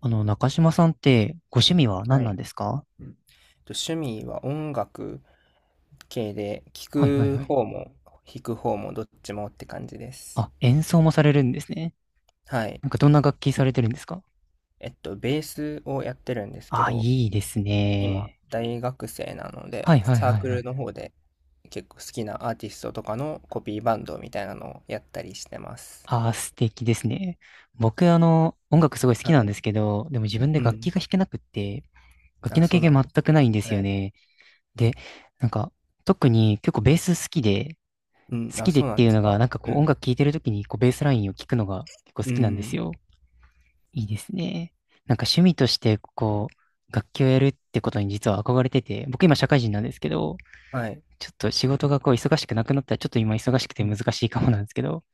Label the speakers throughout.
Speaker 1: 中島さんってご趣味は
Speaker 2: は
Speaker 1: 何なん
Speaker 2: い。
Speaker 1: ですか？
Speaker 2: と趣味は音楽系で、聴
Speaker 1: はいはい
Speaker 2: く
Speaker 1: はい。
Speaker 2: 方も弾く方もどっちもって感じです。
Speaker 1: あ、演奏もされるんですね。
Speaker 2: はい。
Speaker 1: なんかどんな楽器されてるんですか？
Speaker 2: ベースをやってるんですけ
Speaker 1: あ、
Speaker 2: ど、
Speaker 1: いいです
Speaker 2: 今、
Speaker 1: ね。
Speaker 2: 大学生なの
Speaker 1: は
Speaker 2: で、
Speaker 1: いはい
Speaker 2: サー
Speaker 1: はい
Speaker 2: ク
Speaker 1: は
Speaker 2: ル
Speaker 1: い。
Speaker 2: の方で結構好きなアーティストとかのコピーバンドみたいなのをやったりしてます。
Speaker 1: あ、素敵ですね。僕、音楽すごい好
Speaker 2: は
Speaker 1: きなんで
Speaker 2: い。
Speaker 1: すけど、でも自分で
Speaker 2: う
Speaker 1: 楽器
Speaker 2: ん。
Speaker 1: が弾けなくって、楽器
Speaker 2: あ、
Speaker 1: の
Speaker 2: そ
Speaker 1: 経
Speaker 2: うな
Speaker 1: 験
Speaker 2: ん
Speaker 1: 全
Speaker 2: です。
Speaker 1: くないんです
Speaker 2: は
Speaker 1: よ
Speaker 2: い。
Speaker 1: ね。で、なんか、特に結構ベース好きで、
Speaker 2: うん。
Speaker 1: 好
Speaker 2: あ、
Speaker 1: きでっ
Speaker 2: そうな
Speaker 1: て
Speaker 2: ん
Speaker 1: い
Speaker 2: で
Speaker 1: う
Speaker 2: す
Speaker 1: のが、
Speaker 2: か。
Speaker 1: なんかこ
Speaker 2: う
Speaker 1: う音
Speaker 2: ん。
Speaker 1: 楽聴いてる時にこうベースラインを聴くのが結構好
Speaker 2: う
Speaker 1: きなんです
Speaker 2: ん。
Speaker 1: よ。いいですね。なんか趣味として、こう、楽器をやるってことに実は憧れてて、僕今社会人なんですけど、
Speaker 2: はい。
Speaker 1: ちょっと仕事がこう忙しくなくなったら、ちょっと今忙しく
Speaker 2: う
Speaker 1: て
Speaker 2: ん
Speaker 1: 難しいかもなんですけど、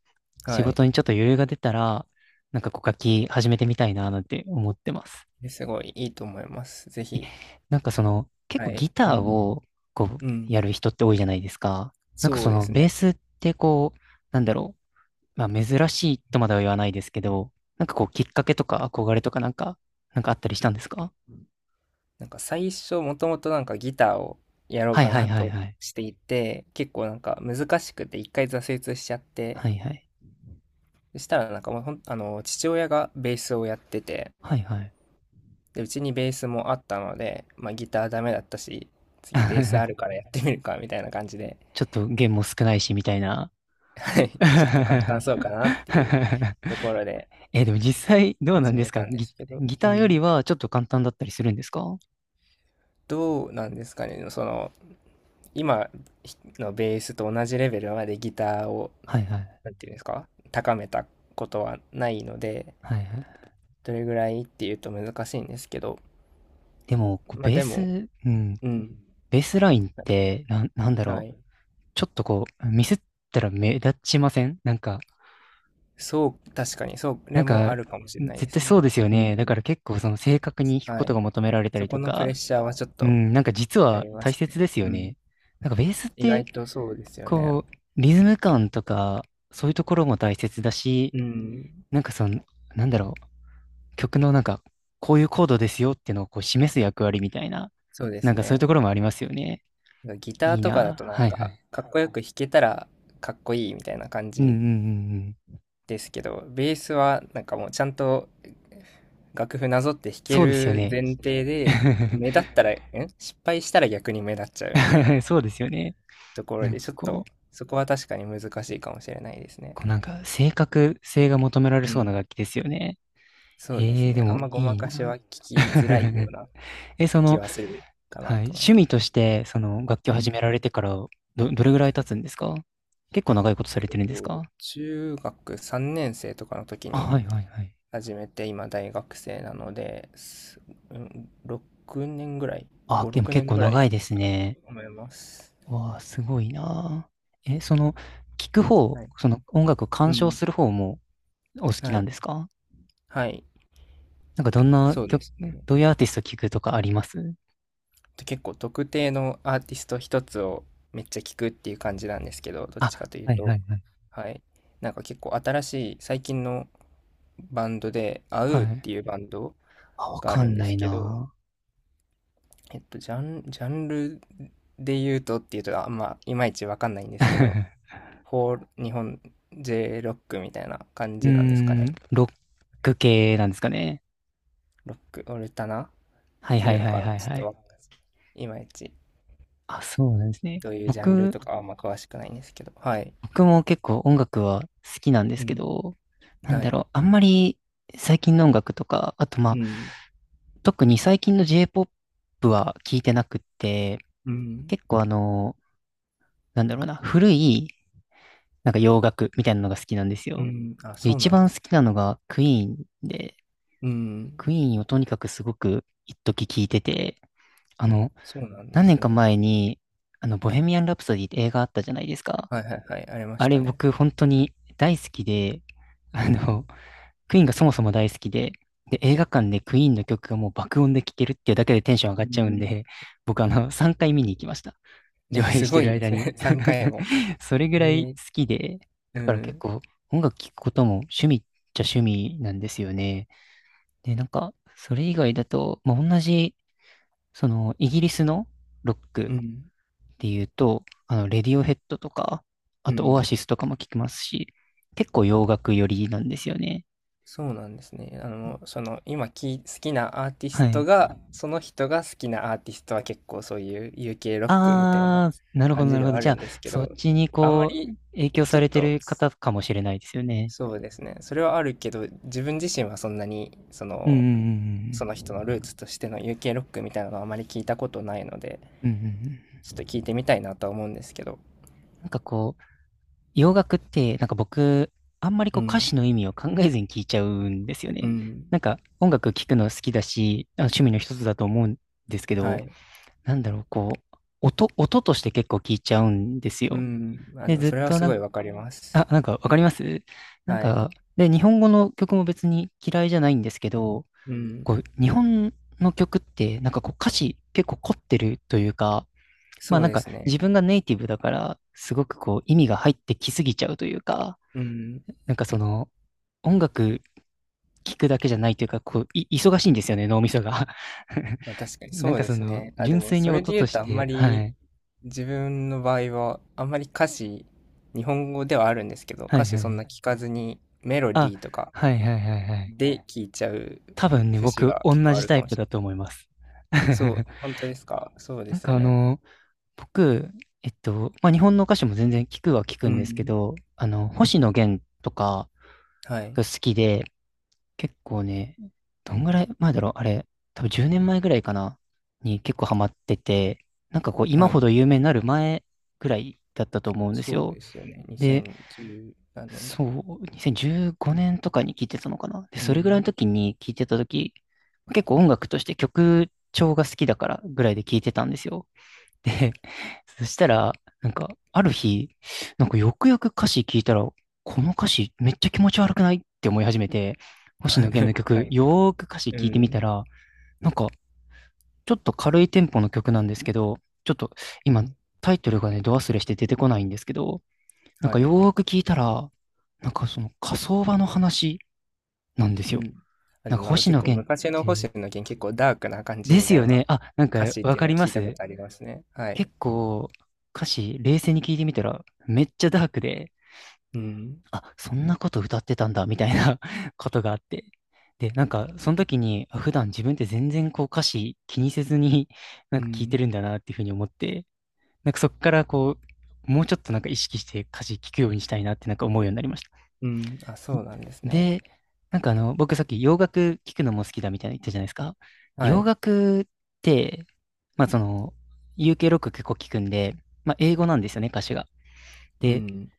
Speaker 1: 仕
Speaker 2: はい。
Speaker 1: 事にちょっと余裕が出たら、なんかこう楽器始めてみたいななんて思ってます。
Speaker 2: すごいいいと思います。ぜひ。
Speaker 1: なんかその、結
Speaker 2: は
Speaker 1: 構
Speaker 2: い。
Speaker 1: ギ
Speaker 2: う
Speaker 1: ター
Speaker 2: ん。
Speaker 1: をこう、
Speaker 2: うん、
Speaker 1: やる人って多いじゃないですか。なんか
Speaker 2: そ
Speaker 1: そ
Speaker 2: うで
Speaker 1: の、
Speaker 2: す
Speaker 1: ベー
Speaker 2: ね。
Speaker 1: スってこう、なんだろまあ珍しいとまでは言わないですけど、なんかこうきっかけとか憧れとかなんか、なんかあったりしたんですか？
Speaker 2: なんか最初もともとなんかギターをやろう
Speaker 1: はい
Speaker 2: か
Speaker 1: はい
Speaker 2: な
Speaker 1: はい
Speaker 2: と
Speaker 1: はい。
Speaker 2: していて、結構なんか難しくて一回挫折しちゃって、
Speaker 1: はいはい。
Speaker 2: そしたらなんかもうほん、あの、父親がベースをやってて、
Speaker 1: はいはい。
Speaker 2: で、うちにベースもあったので、まあギターダメだったし、次ベースある からやってみるかみたいな感じで、
Speaker 1: ちょっと弦も少ないし、みたいな。
Speaker 2: はい、ちょっと簡 単そうかなっていうところで
Speaker 1: え、でも実際どうなん
Speaker 2: 始
Speaker 1: で
Speaker 2: め
Speaker 1: す
Speaker 2: た
Speaker 1: か、
Speaker 2: んで
Speaker 1: ギ、
Speaker 2: すけど、
Speaker 1: ギ
Speaker 2: う
Speaker 1: ターよ
Speaker 2: ん。
Speaker 1: りはちょっと簡単だったりするんですか？は
Speaker 2: どうなんですかね、その、今のベースと同じレベルまでギターを
Speaker 1: いはい。
Speaker 2: なんていうんですか、高めたことはないので、
Speaker 1: はいはい。
Speaker 2: どれぐらいっていうと難しいんですけど、
Speaker 1: でも、こう
Speaker 2: まあ
Speaker 1: ベー
Speaker 2: でも、
Speaker 1: ス、うん、
Speaker 2: うん、
Speaker 1: ベースラインって、なん、なんだ
Speaker 2: は
Speaker 1: ろう。
Speaker 2: い。
Speaker 1: ちょっとこう、ミスったら目立ちませんなんか、
Speaker 2: そう、確かに、そうこ
Speaker 1: な
Speaker 2: れ
Speaker 1: ん
Speaker 2: も
Speaker 1: か、
Speaker 2: あるかもしれない
Speaker 1: 絶
Speaker 2: です
Speaker 1: 対
Speaker 2: ね。
Speaker 1: そうですよ
Speaker 2: う
Speaker 1: ね。だ
Speaker 2: ん。
Speaker 1: から結構その正確に弾く
Speaker 2: は
Speaker 1: こと
Speaker 2: い。
Speaker 1: が求められた
Speaker 2: そ
Speaker 1: り
Speaker 2: こ
Speaker 1: と
Speaker 2: のプレ
Speaker 1: か、
Speaker 2: ッシャーはちょっ
Speaker 1: う
Speaker 2: と
Speaker 1: ん、なんか実
Speaker 2: あ
Speaker 1: は
Speaker 2: りま
Speaker 1: 大
Speaker 2: す
Speaker 1: 切
Speaker 2: ね。
Speaker 1: ですよ
Speaker 2: うん。
Speaker 1: ね。なんかベースっ
Speaker 2: 意
Speaker 1: て、
Speaker 2: 外とそうですよね。
Speaker 1: こう、リズム感とか、そういうところも大切だし、
Speaker 2: うん。
Speaker 1: なんかその、なんだろ曲のなんか、こういうコードですよっていうのをこう示す役割みたいな、
Speaker 2: そうで
Speaker 1: な
Speaker 2: す
Speaker 1: んかそういう
Speaker 2: ね。
Speaker 1: ところもありますよね。
Speaker 2: ギタ
Speaker 1: い
Speaker 2: ー
Speaker 1: い
Speaker 2: とかだと
Speaker 1: な。
Speaker 2: なん
Speaker 1: はいは
Speaker 2: か、
Speaker 1: い。
Speaker 2: かっこよく弾けたらかっこいいみたいな感
Speaker 1: うんうん
Speaker 2: じ
Speaker 1: うんうん。
Speaker 2: ですけど、ベースはなんかもうちゃんと楽譜なぞって弾け
Speaker 1: そうですよ
Speaker 2: る
Speaker 1: ね。
Speaker 2: 前提で、目立ったら、ん失敗したら逆に目立っちゃうみたいな
Speaker 1: そうですよね。
Speaker 2: ところ
Speaker 1: なん
Speaker 2: で、
Speaker 1: か
Speaker 2: ちょっ
Speaker 1: こ
Speaker 2: と
Speaker 1: う、
Speaker 2: そこは確かに難しいかもしれないですね。
Speaker 1: こうなんか正確性が求められ
Speaker 2: う
Speaker 1: そう
Speaker 2: ん。
Speaker 1: な楽器ですよね。
Speaker 2: そうで
Speaker 1: え
Speaker 2: す
Speaker 1: えー、で
Speaker 2: ね。あ
Speaker 1: も
Speaker 2: んまご
Speaker 1: い
Speaker 2: ま
Speaker 1: い
Speaker 2: かしは
Speaker 1: な。
Speaker 2: 聞きづらいよ うな
Speaker 1: え、そ
Speaker 2: 気
Speaker 1: の、
Speaker 2: はするか
Speaker 1: はい。
Speaker 2: なと思い
Speaker 1: 趣
Speaker 2: ま
Speaker 1: 味と
Speaker 2: す。
Speaker 1: して、その、楽器を
Speaker 2: う
Speaker 1: 始め
Speaker 2: ん。
Speaker 1: られてから、ど、どれぐら
Speaker 2: は
Speaker 1: い経
Speaker 2: い。
Speaker 1: つんですか？結構長いことされ
Speaker 2: えっ
Speaker 1: てるんです
Speaker 2: と
Speaker 1: か？
Speaker 2: 中学3年生とかの時
Speaker 1: あ、
Speaker 2: に
Speaker 1: はいはいはい。
Speaker 2: 始めて今大学生なので、うん6年ぐらい、
Speaker 1: あ、
Speaker 2: 5、
Speaker 1: でも
Speaker 2: 6
Speaker 1: 結
Speaker 2: 年
Speaker 1: 構
Speaker 2: ぐらい
Speaker 1: 長いです
Speaker 2: かなと
Speaker 1: ね。
Speaker 2: 思います。
Speaker 1: わあ、すごいなあ。え、その、聞く方、
Speaker 2: はい。
Speaker 1: その、音楽を
Speaker 2: う
Speaker 1: 鑑賞
Speaker 2: ん。
Speaker 1: する方もお好き
Speaker 2: は
Speaker 1: なんで
Speaker 2: い。
Speaker 1: すか？
Speaker 2: はい。
Speaker 1: なんかどんな
Speaker 2: そうで
Speaker 1: 曲、
Speaker 2: すね。
Speaker 1: どういうアーティスト聞くとかあります？
Speaker 2: で結構特定のアーティスト一つをめっちゃ聞くっていう感じなんですけど、どっちか
Speaker 1: あ、
Speaker 2: という
Speaker 1: はい
Speaker 2: と、
Speaker 1: はいはい。
Speaker 2: はい。なんか結構新しい最近のバンドで、アウ
Speaker 1: は
Speaker 2: ーっ
Speaker 1: い。
Speaker 2: ていうバンド
Speaker 1: あ、わ
Speaker 2: があ
Speaker 1: か
Speaker 2: るん
Speaker 1: ん
Speaker 2: で
Speaker 1: な
Speaker 2: す
Speaker 1: い
Speaker 2: けど、
Speaker 1: なあ。
Speaker 2: ジャンルで言うとっていうと、あんまいまいちわかんないんですけど、フォー、日本 J ロックみたいな感
Speaker 1: うー
Speaker 2: じなんですか
Speaker 1: ん、
Speaker 2: ね。
Speaker 1: ロッ
Speaker 2: は
Speaker 1: ク
Speaker 2: い。
Speaker 1: 系なんですかね。
Speaker 2: ロック、オルタナっ
Speaker 1: はい
Speaker 2: て
Speaker 1: は
Speaker 2: い
Speaker 1: い
Speaker 2: うの
Speaker 1: は
Speaker 2: か
Speaker 1: い
Speaker 2: な。
Speaker 1: はい
Speaker 2: ちょっ
Speaker 1: は
Speaker 2: と
Speaker 1: い。
Speaker 2: わかんないです。いまいち、
Speaker 1: あ、そうなんですね。
Speaker 2: どういうジャンルとかはあんま詳しくないんですけど。はい。
Speaker 1: 僕も結構音楽は好きなんで
Speaker 2: う
Speaker 1: すけ
Speaker 2: ん。
Speaker 1: ど、なん
Speaker 2: は
Speaker 1: だ
Speaker 2: い。
Speaker 1: ろう、あんまり最近の音楽とか、あとま
Speaker 2: う
Speaker 1: あ、
Speaker 2: ん。
Speaker 1: 特に最近の J-POP は聞いてなくって、
Speaker 2: うん。
Speaker 1: 結構あの、なんだろうな、古いなんか洋楽みたいなのが好きなんです
Speaker 2: う
Speaker 1: よ。
Speaker 2: ん。あ、
Speaker 1: で、
Speaker 2: そう
Speaker 1: 一
Speaker 2: なんで
Speaker 1: 番好
Speaker 2: す。
Speaker 1: きなのがクイーンで、
Speaker 2: うん。
Speaker 1: クイーンをとにかくすごく一時聞いてて、あの、
Speaker 2: そうなんで
Speaker 1: 何年
Speaker 2: す
Speaker 1: か
Speaker 2: ね。
Speaker 1: 前に、ボヘミアン・ラプソディって映画あったじゃないですか。
Speaker 2: はいはいはい。ありまし
Speaker 1: あ
Speaker 2: た
Speaker 1: れ
Speaker 2: ね。
Speaker 1: 僕本当に大好きで、
Speaker 2: う
Speaker 1: あ
Speaker 2: ん。
Speaker 1: の、クイーンがそもそも大好きで、で、映画館でクイーンの曲がもう爆音で聴けるっていうだけでテンション上
Speaker 2: う
Speaker 1: がっちゃうん
Speaker 2: ん。
Speaker 1: で、僕あの、3回見に行きました。上
Speaker 2: ね、
Speaker 1: 映
Speaker 2: す
Speaker 1: して
Speaker 2: ご
Speaker 1: る
Speaker 2: いで
Speaker 1: 間
Speaker 2: す
Speaker 1: に
Speaker 2: ね。3回も。
Speaker 1: それぐらい
Speaker 2: ね。
Speaker 1: 好きで、
Speaker 2: う
Speaker 1: だから結
Speaker 2: ん。
Speaker 1: 構音楽聴くことも趣味っちゃ趣味なんですよね。で、なんか、それ以外だと、まあ、同じ、その、イギリスのロッ
Speaker 2: う
Speaker 1: ク
Speaker 2: ん。
Speaker 1: っていうと、レディオヘッドとか、あ
Speaker 2: う
Speaker 1: とオア
Speaker 2: ん。
Speaker 1: シスとかも聴きますし、結構洋楽寄りなんですよね。
Speaker 2: そうなんですね。その、好きなアーティ
Speaker 1: は
Speaker 2: スト
Speaker 1: い。
Speaker 2: が、その人が好きなアーティストは結構そういう UK ロックみたいな
Speaker 1: ああ、なるほ
Speaker 2: 感
Speaker 1: ど、
Speaker 2: じ
Speaker 1: なる
Speaker 2: で
Speaker 1: ほ
Speaker 2: は
Speaker 1: ど。
Speaker 2: あ
Speaker 1: じゃ
Speaker 2: る
Speaker 1: あ、
Speaker 2: んですけ
Speaker 1: そっ
Speaker 2: ど、
Speaker 1: ちに
Speaker 2: あんま
Speaker 1: こう、
Speaker 2: り、
Speaker 1: 影響
Speaker 2: ち
Speaker 1: さ
Speaker 2: ょっ
Speaker 1: れて
Speaker 2: と、
Speaker 1: る方かもしれないですよね。
Speaker 2: そうですね。それはあるけど、自分自身はそんなに、そ
Speaker 1: うんう
Speaker 2: の、その人のルー
Speaker 1: ん
Speaker 2: ツとしての UK ロックみたいなのはあまり聞いたことないので、
Speaker 1: うんうん。うんうんうん。
Speaker 2: ちょっと聞いてみたいなとは思うんですけど。
Speaker 1: なんかこう、洋楽って、なんか僕、あんまり
Speaker 2: う
Speaker 1: こう歌
Speaker 2: ん。
Speaker 1: 詞の意味を考えずに聞いちゃうんですよ
Speaker 2: う
Speaker 1: ね。
Speaker 2: ん。
Speaker 1: なんか音楽聴くの好きだし、あ趣味の一つだと思うんですけど、
Speaker 2: はい。
Speaker 1: なんだろう、こう、音、音として結構聞いちゃうんです
Speaker 2: う
Speaker 1: よ。
Speaker 2: ん。あ、で
Speaker 1: で、
Speaker 2: も
Speaker 1: ずっ
Speaker 2: それは
Speaker 1: と
Speaker 2: す
Speaker 1: な
Speaker 2: ご
Speaker 1: ん
Speaker 2: い
Speaker 1: か
Speaker 2: わかります。
Speaker 1: あ、なんかわかりますなん
Speaker 2: はい。
Speaker 1: か、で、日本語の曲も別に嫌いじゃないんですけど、
Speaker 2: うん。
Speaker 1: こう、日本の曲って、なんかこう歌詞結構凝ってるというか、まあ
Speaker 2: そう
Speaker 1: なん
Speaker 2: で
Speaker 1: か
Speaker 2: すね。
Speaker 1: 自分がネイティブだから、すごくこう意味が入ってきすぎちゃうというか、
Speaker 2: うん。
Speaker 1: なんかその、音楽聴くだけじゃないというか、こう、い、忙しいんですよね、脳みそが。
Speaker 2: まあ確かに
Speaker 1: な
Speaker 2: そ
Speaker 1: ん
Speaker 2: う
Speaker 1: か
Speaker 2: で
Speaker 1: そ
Speaker 2: す
Speaker 1: の、
Speaker 2: ね。あ、で
Speaker 1: 純
Speaker 2: も
Speaker 1: 粋に
Speaker 2: それ
Speaker 1: 音
Speaker 2: で
Speaker 1: と
Speaker 2: 言う
Speaker 1: し
Speaker 2: とあんま
Speaker 1: て、は
Speaker 2: り
Speaker 1: い。
Speaker 2: 自分の場合はあんまり歌詞、日本語ではあるんですけど、
Speaker 1: は
Speaker 2: 歌
Speaker 1: い
Speaker 2: 詞
Speaker 1: は
Speaker 2: そんな
Speaker 1: い。
Speaker 2: 聞かずにメロデ
Speaker 1: あ、
Speaker 2: ィーとか
Speaker 1: はいはいはいはい。
Speaker 2: で聞いちゃう
Speaker 1: 多分ね、
Speaker 2: 節
Speaker 1: 僕、
Speaker 2: が
Speaker 1: 同
Speaker 2: 結構あ
Speaker 1: じ
Speaker 2: る
Speaker 1: タ
Speaker 2: か
Speaker 1: イ
Speaker 2: も
Speaker 1: プ
Speaker 2: しれ
Speaker 1: だ
Speaker 2: ない。
Speaker 1: と思います。
Speaker 2: そう、本当ですか。そうで
Speaker 1: なん
Speaker 2: す
Speaker 1: か
Speaker 2: よ
Speaker 1: あ
Speaker 2: ね。
Speaker 1: の、僕、えっと、まあ、日本の歌手も全然聞くは聞く
Speaker 2: う
Speaker 1: んですけ
Speaker 2: ん。
Speaker 1: ど、星野源とか
Speaker 2: はい。
Speaker 1: が好きで、結構ね、どんぐらい前だろうあれ、多分10年前ぐらいかなに結構ハマってて、なんかこう、
Speaker 2: は
Speaker 1: 今ほ
Speaker 2: い。
Speaker 1: ど有名になる前ぐらいだったと思うんです
Speaker 2: そう
Speaker 1: よ。
Speaker 2: ですよね。
Speaker 1: で、
Speaker 2: 2010何年代。
Speaker 1: そう、2015年とかに聞いてたのかなで、
Speaker 2: う
Speaker 1: それぐらいの
Speaker 2: ん。
Speaker 1: 時に聞いてた時、結構音楽として曲調が好きだからぐらいで聞いてたんですよ。で、そしたら、なんか、ある日、なんかよくよく歌詞聞いたら、この歌詞めっちゃ気持ち悪くないって思い始めて、星
Speaker 2: は
Speaker 1: 野
Speaker 2: い。
Speaker 1: 源の
Speaker 2: は
Speaker 1: 曲、
Speaker 2: い。
Speaker 1: よーく歌詞
Speaker 2: う
Speaker 1: 聞いてみ
Speaker 2: ん。
Speaker 1: たら、ちょっと軽いテンポの曲なんですけど、ちょっと
Speaker 2: う
Speaker 1: 今
Speaker 2: ん。
Speaker 1: タイトルがね、ド忘れして出てこないんですけど、なん
Speaker 2: は
Speaker 1: かよ
Speaker 2: い。
Speaker 1: ーく聞いたら、なんかその火葬場の話なんです
Speaker 2: う
Speaker 1: よ。
Speaker 2: ん。あ、で
Speaker 1: なん
Speaker 2: も
Speaker 1: か
Speaker 2: なんか
Speaker 1: 星
Speaker 2: 結
Speaker 1: 野
Speaker 2: 構
Speaker 1: 源っ
Speaker 2: 昔の星
Speaker 1: て、
Speaker 2: 野源結構ダークな感じ
Speaker 1: で
Speaker 2: み
Speaker 1: す
Speaker 2: たい
Speaker 1: よ
Speaker 2: な
Speaker 1: ね。あ、なんか
Speaker 2: 歌詞っ
Speaker 1: わ
Speaker 2: ていう
Speaker 1: か
Speaker 2: の
Speaker 1: り
Speaker 2: は
Speaker 1: ま
Speaker 2: 聞いたこ
Speaker 1: す
Speaker 2: とありますね。はい。
Speaker 1: 結構歌詞冷静に聞いてみたらめっちゃダークで、
Speaker 2: うん。
Speaker 1: あ、そんなこと歌ってたんだ、みたいな ことがあって。で、なんか、その時に、あ普段自分って全然こう歌詞気にせずに、なん
Speaker 2: う
Speaker 1: か聞いて
Speaker 2: ん。
Speaker 1: るんだなっていうふうに思って、なんかそこからこう、もうちょっとなんか意識して歌詞聞くようにしたいなってなんか思うようになりました。
Speaker 2: うん。あ、そうなんですね。
Speaker 1: で、なんかあの、僕さっき洋楽聞くのも好きだみたいな言ったじゃないですか。
Speaker 2: は
Speaker 1: 洋
Speaker 2: い。
Speaker 1: 楽って、まあその、UK ロック結構聞くんで、まあ英語なんですよね、歌詞が。
Speaker 2: う
Speaker 1: で、
Speaker 2: ん。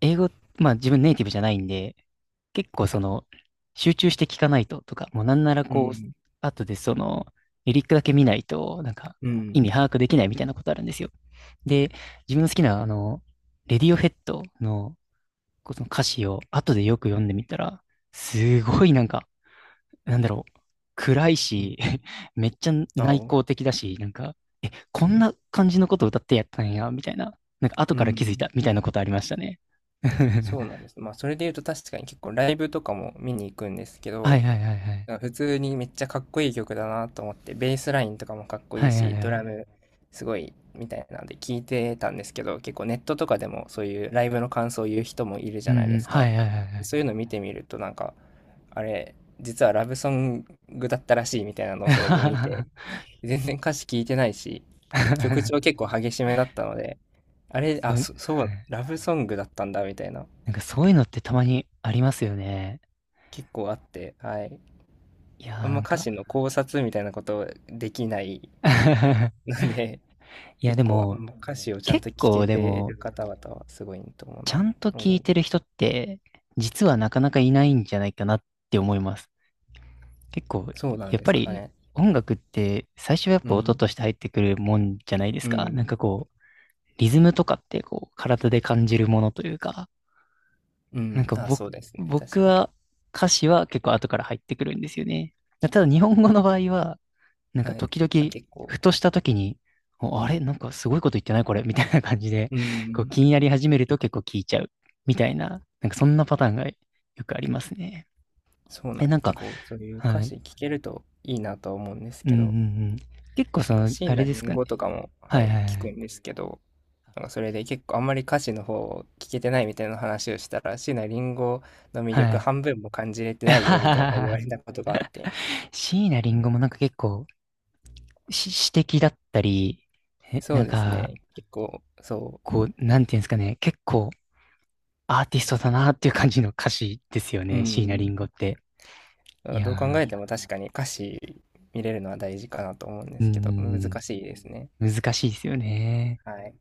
Speaker 1: 英語、まあ自分ネイティブじゃないんで、結構その、集中して聞かないととか、もうなんなら
Speaker 2: う
Speaker 1: こう、
Speaker 2: ん。
Speaker 1: 後でその、リリックだけ見ないと、なんか、
Speaker 2: う
Speaker 1: 意味
Speaker 2: ん。
Speaker 1: 把握できないみたいなことあるんですよ。で、自分の好きな、レディオヘッドの、こうその歌詞を後でよく読んでみたら、すごいなんか、なんだろう、暗い
Speaker 2: うん。
Speaker 1: し、めっちゃ
Speaker 2: あ、
Speaker 1: 内
Speaker 2: お、
Speaker 1: 向的だし、なんか、え、こんな感じのことを歌ってやったんや、みたいな、なんか後
Speaker 2: う
Speaker 1: から気づい
Speaker 2: ん。
Speaker 1: た、みたいなことありましたね。
Speaker 2: そう なんです。まあ、それで言うと確かに結構ライブとかも見に行くんですけ
Speaker 1: は
Speaker 2: ど、
Speaker 1: いはいはいはい。
Speaker 2: 普通にめっちゃかっこいい曲だなと思って、ベースラインとかもかっこい
Speaker 1: は
Speaker 2: い
Speaker 1: いはい
Speaker 2: し、
Speaker 1: は
Speaker 2: ドラ
Speaker 1: い。
Speaker 2: ムすごいみたいなので聞いてたんですけど、結構ネットとかでもそういうライブの感想を言う人もいるじ
Speaker 1: う
Speaker 2: ゃない
Speaker 1: んう
Speaker 2: で
Speaker 1: ん。
Speaker 2: す
Speaker 1: は
Speaker 2: か。
Speaker 1: いはいはいはい。
Speaker 2: そういうの見てみるとなんか、あれ、実はラブソングだったらしいみたいなのをそれで見て、全然歌詞聞いてないし、曲
Speaker 1: な
Speaker 2: 調結構激しめだったので、あ
Speaker 1: んか
Speaker 2: れ、
Speaker 1: そ
Speaker 2: あ、
Speaker 1: う、はい。
Speaker 2: そう、ラブソングだったんだみたいな、
Speaker 1: なんかそういうのってたまにありますよね。
Speaker 2: 結構あって、はい。
Speaker 1: いやー
Speaker 2: あん
Speaker 1: な
Speaker 2: ま
Speaker 1: ん
Speaker 2: 歌
Speaker 1: か
Speaker 2: 詞の考察みたいなことできない ので、
Speaker 1: いや
Speaker 2: 結
Speaker 1: で
Speaker 2: 構あん
Speaker 1: も、
Speaker 2: ま歌詞をちゃん
Speaker 1: 結
Speaker 2: と聞け
Speaker 1: 構で
Speaker 2: て
Speaker 1: も、
Speaker 2: る方々はすごいと思う
Speaker 1: ちゃ
Speaker 2: な。
Speaker 1: んと
Speaker 2: う
Speaker 1: 聞い
Speaker 2: ん。
Speaker 1: てる人って、実はなかなかいないんじゃないかなって思います。結構、
Speaker 2: そうなん
Speaker 1: やっ
Speaker 2: で
Speaker 1: ぱ
Speaker 2: すか
Speaker 1: り
Speaker 2: ね。
Speaker 1: 音楽って最初はやっ
Speaker 2: う
Speaker 1: ぱ音
Speaker 2: ん。
Speaker 1: として入ってくるもんじゃないです
Speaker 2: う
Speaker 1: か。なん
Speaker 2: ん。
Speaker 1: かこう、リズムとかってこう、体で感じるものというか。
Speaker 2: う
Speaker 1: なん
Speaker 2: ん。
Speaker 1: か
Speaker 2: あ、
Speaker 1: 僕、
Speaker 2: そうですね。
Speaker 1: 僕
Speaker 2: 確かに。
Speaker 1: は歌詞は結構後から入ってくるんですよね。ただ日本語の場合は、なんか
Speaker 2: はい。
Speaker 1: 時
Speaker 2: あ、
Speaker 1: 々、
Speaker 2: 結構。
Speaker 1: ふとした時に、おあれなんかすごいこと言ってないこれみたいな感じで、
Speaker 2: う
Speaker 1: こう
Speaker 2: ん。
Speaker 1: 気になり始めると結構聞いちゃう。みたいな、なんかそんなパターンがよくありますね。
Speaker 2: そうな
Speaker 1: え、な
Speaker 2: ん、
Speaker 1: んか、
Speaker 2: 結構そういう歌
Speaker 1: はい。
Speaker 2: 詞聞けるといいなとは思うんです
Speaker 1: うん
Speaker 2: け
Speaker 1: うんう
Speaker 2: ど、
Speaker 1: ん。結構
Speaker 2: な
Speaker 1: そ
Speaker 2: んか
Speaker 1: の、
Speaker 2: 椎
Speaker 1: あれ
Speaker 2: 名
Speaker 1: で
Speaker 2: 林
Speaker 1: すかね。
Speaker 2: 檎とかも、は
Speaker 1: はい
Speaker 2: い、
Speaker 1: はいは
Speaker 2: 聞く
Speaker 1: い。
Speaker 2: んですけど、なんかそれで結構あんまり歌詞の方を聞けてないみたいな話をしたら、椎名林檎の魅
Speaker 1: は
Speaker 2: 力
Speaker 1: い。
Speaker 2: 半分も感じれて
Speaker 1: あ
Speaker 2: ない
Speaker 1: は
Speaker 2: よみ
Speaker 1: は
Speaker 2: たい
Speaker 1: は
Speaker 2: な言わ
Speaker 1: は
Speaker 2: れたことがあって、
Speaker 1: 椎名林檎もなんか結構し詩的だったり、え、
Speaker 2: そ
Speaker 1: なん
Speaker 2: うです
Speaker 1: か、
Speaker 2: ね、結構、そ
Speaker 1: こう、なんていうんですかね、結構アーティストだなっていう感じの歌詞ですよ
Speaker 2: う、う
Speaker 1: ね、椎名
Speaker 2: ん、
Speaker 1: 林檎って。い
Speaker 2: どう考
Speaker 1: や
Speaker 2: えても確かに歌詞見れるのは大事かなと思うんで
Speaker 1: ー、うー
Speaker 2: すけど、難
Speaker 1: ん、
Speaker 2: しいですね。
Speaker 1: 難しいですよね。
Speaker 2: はい。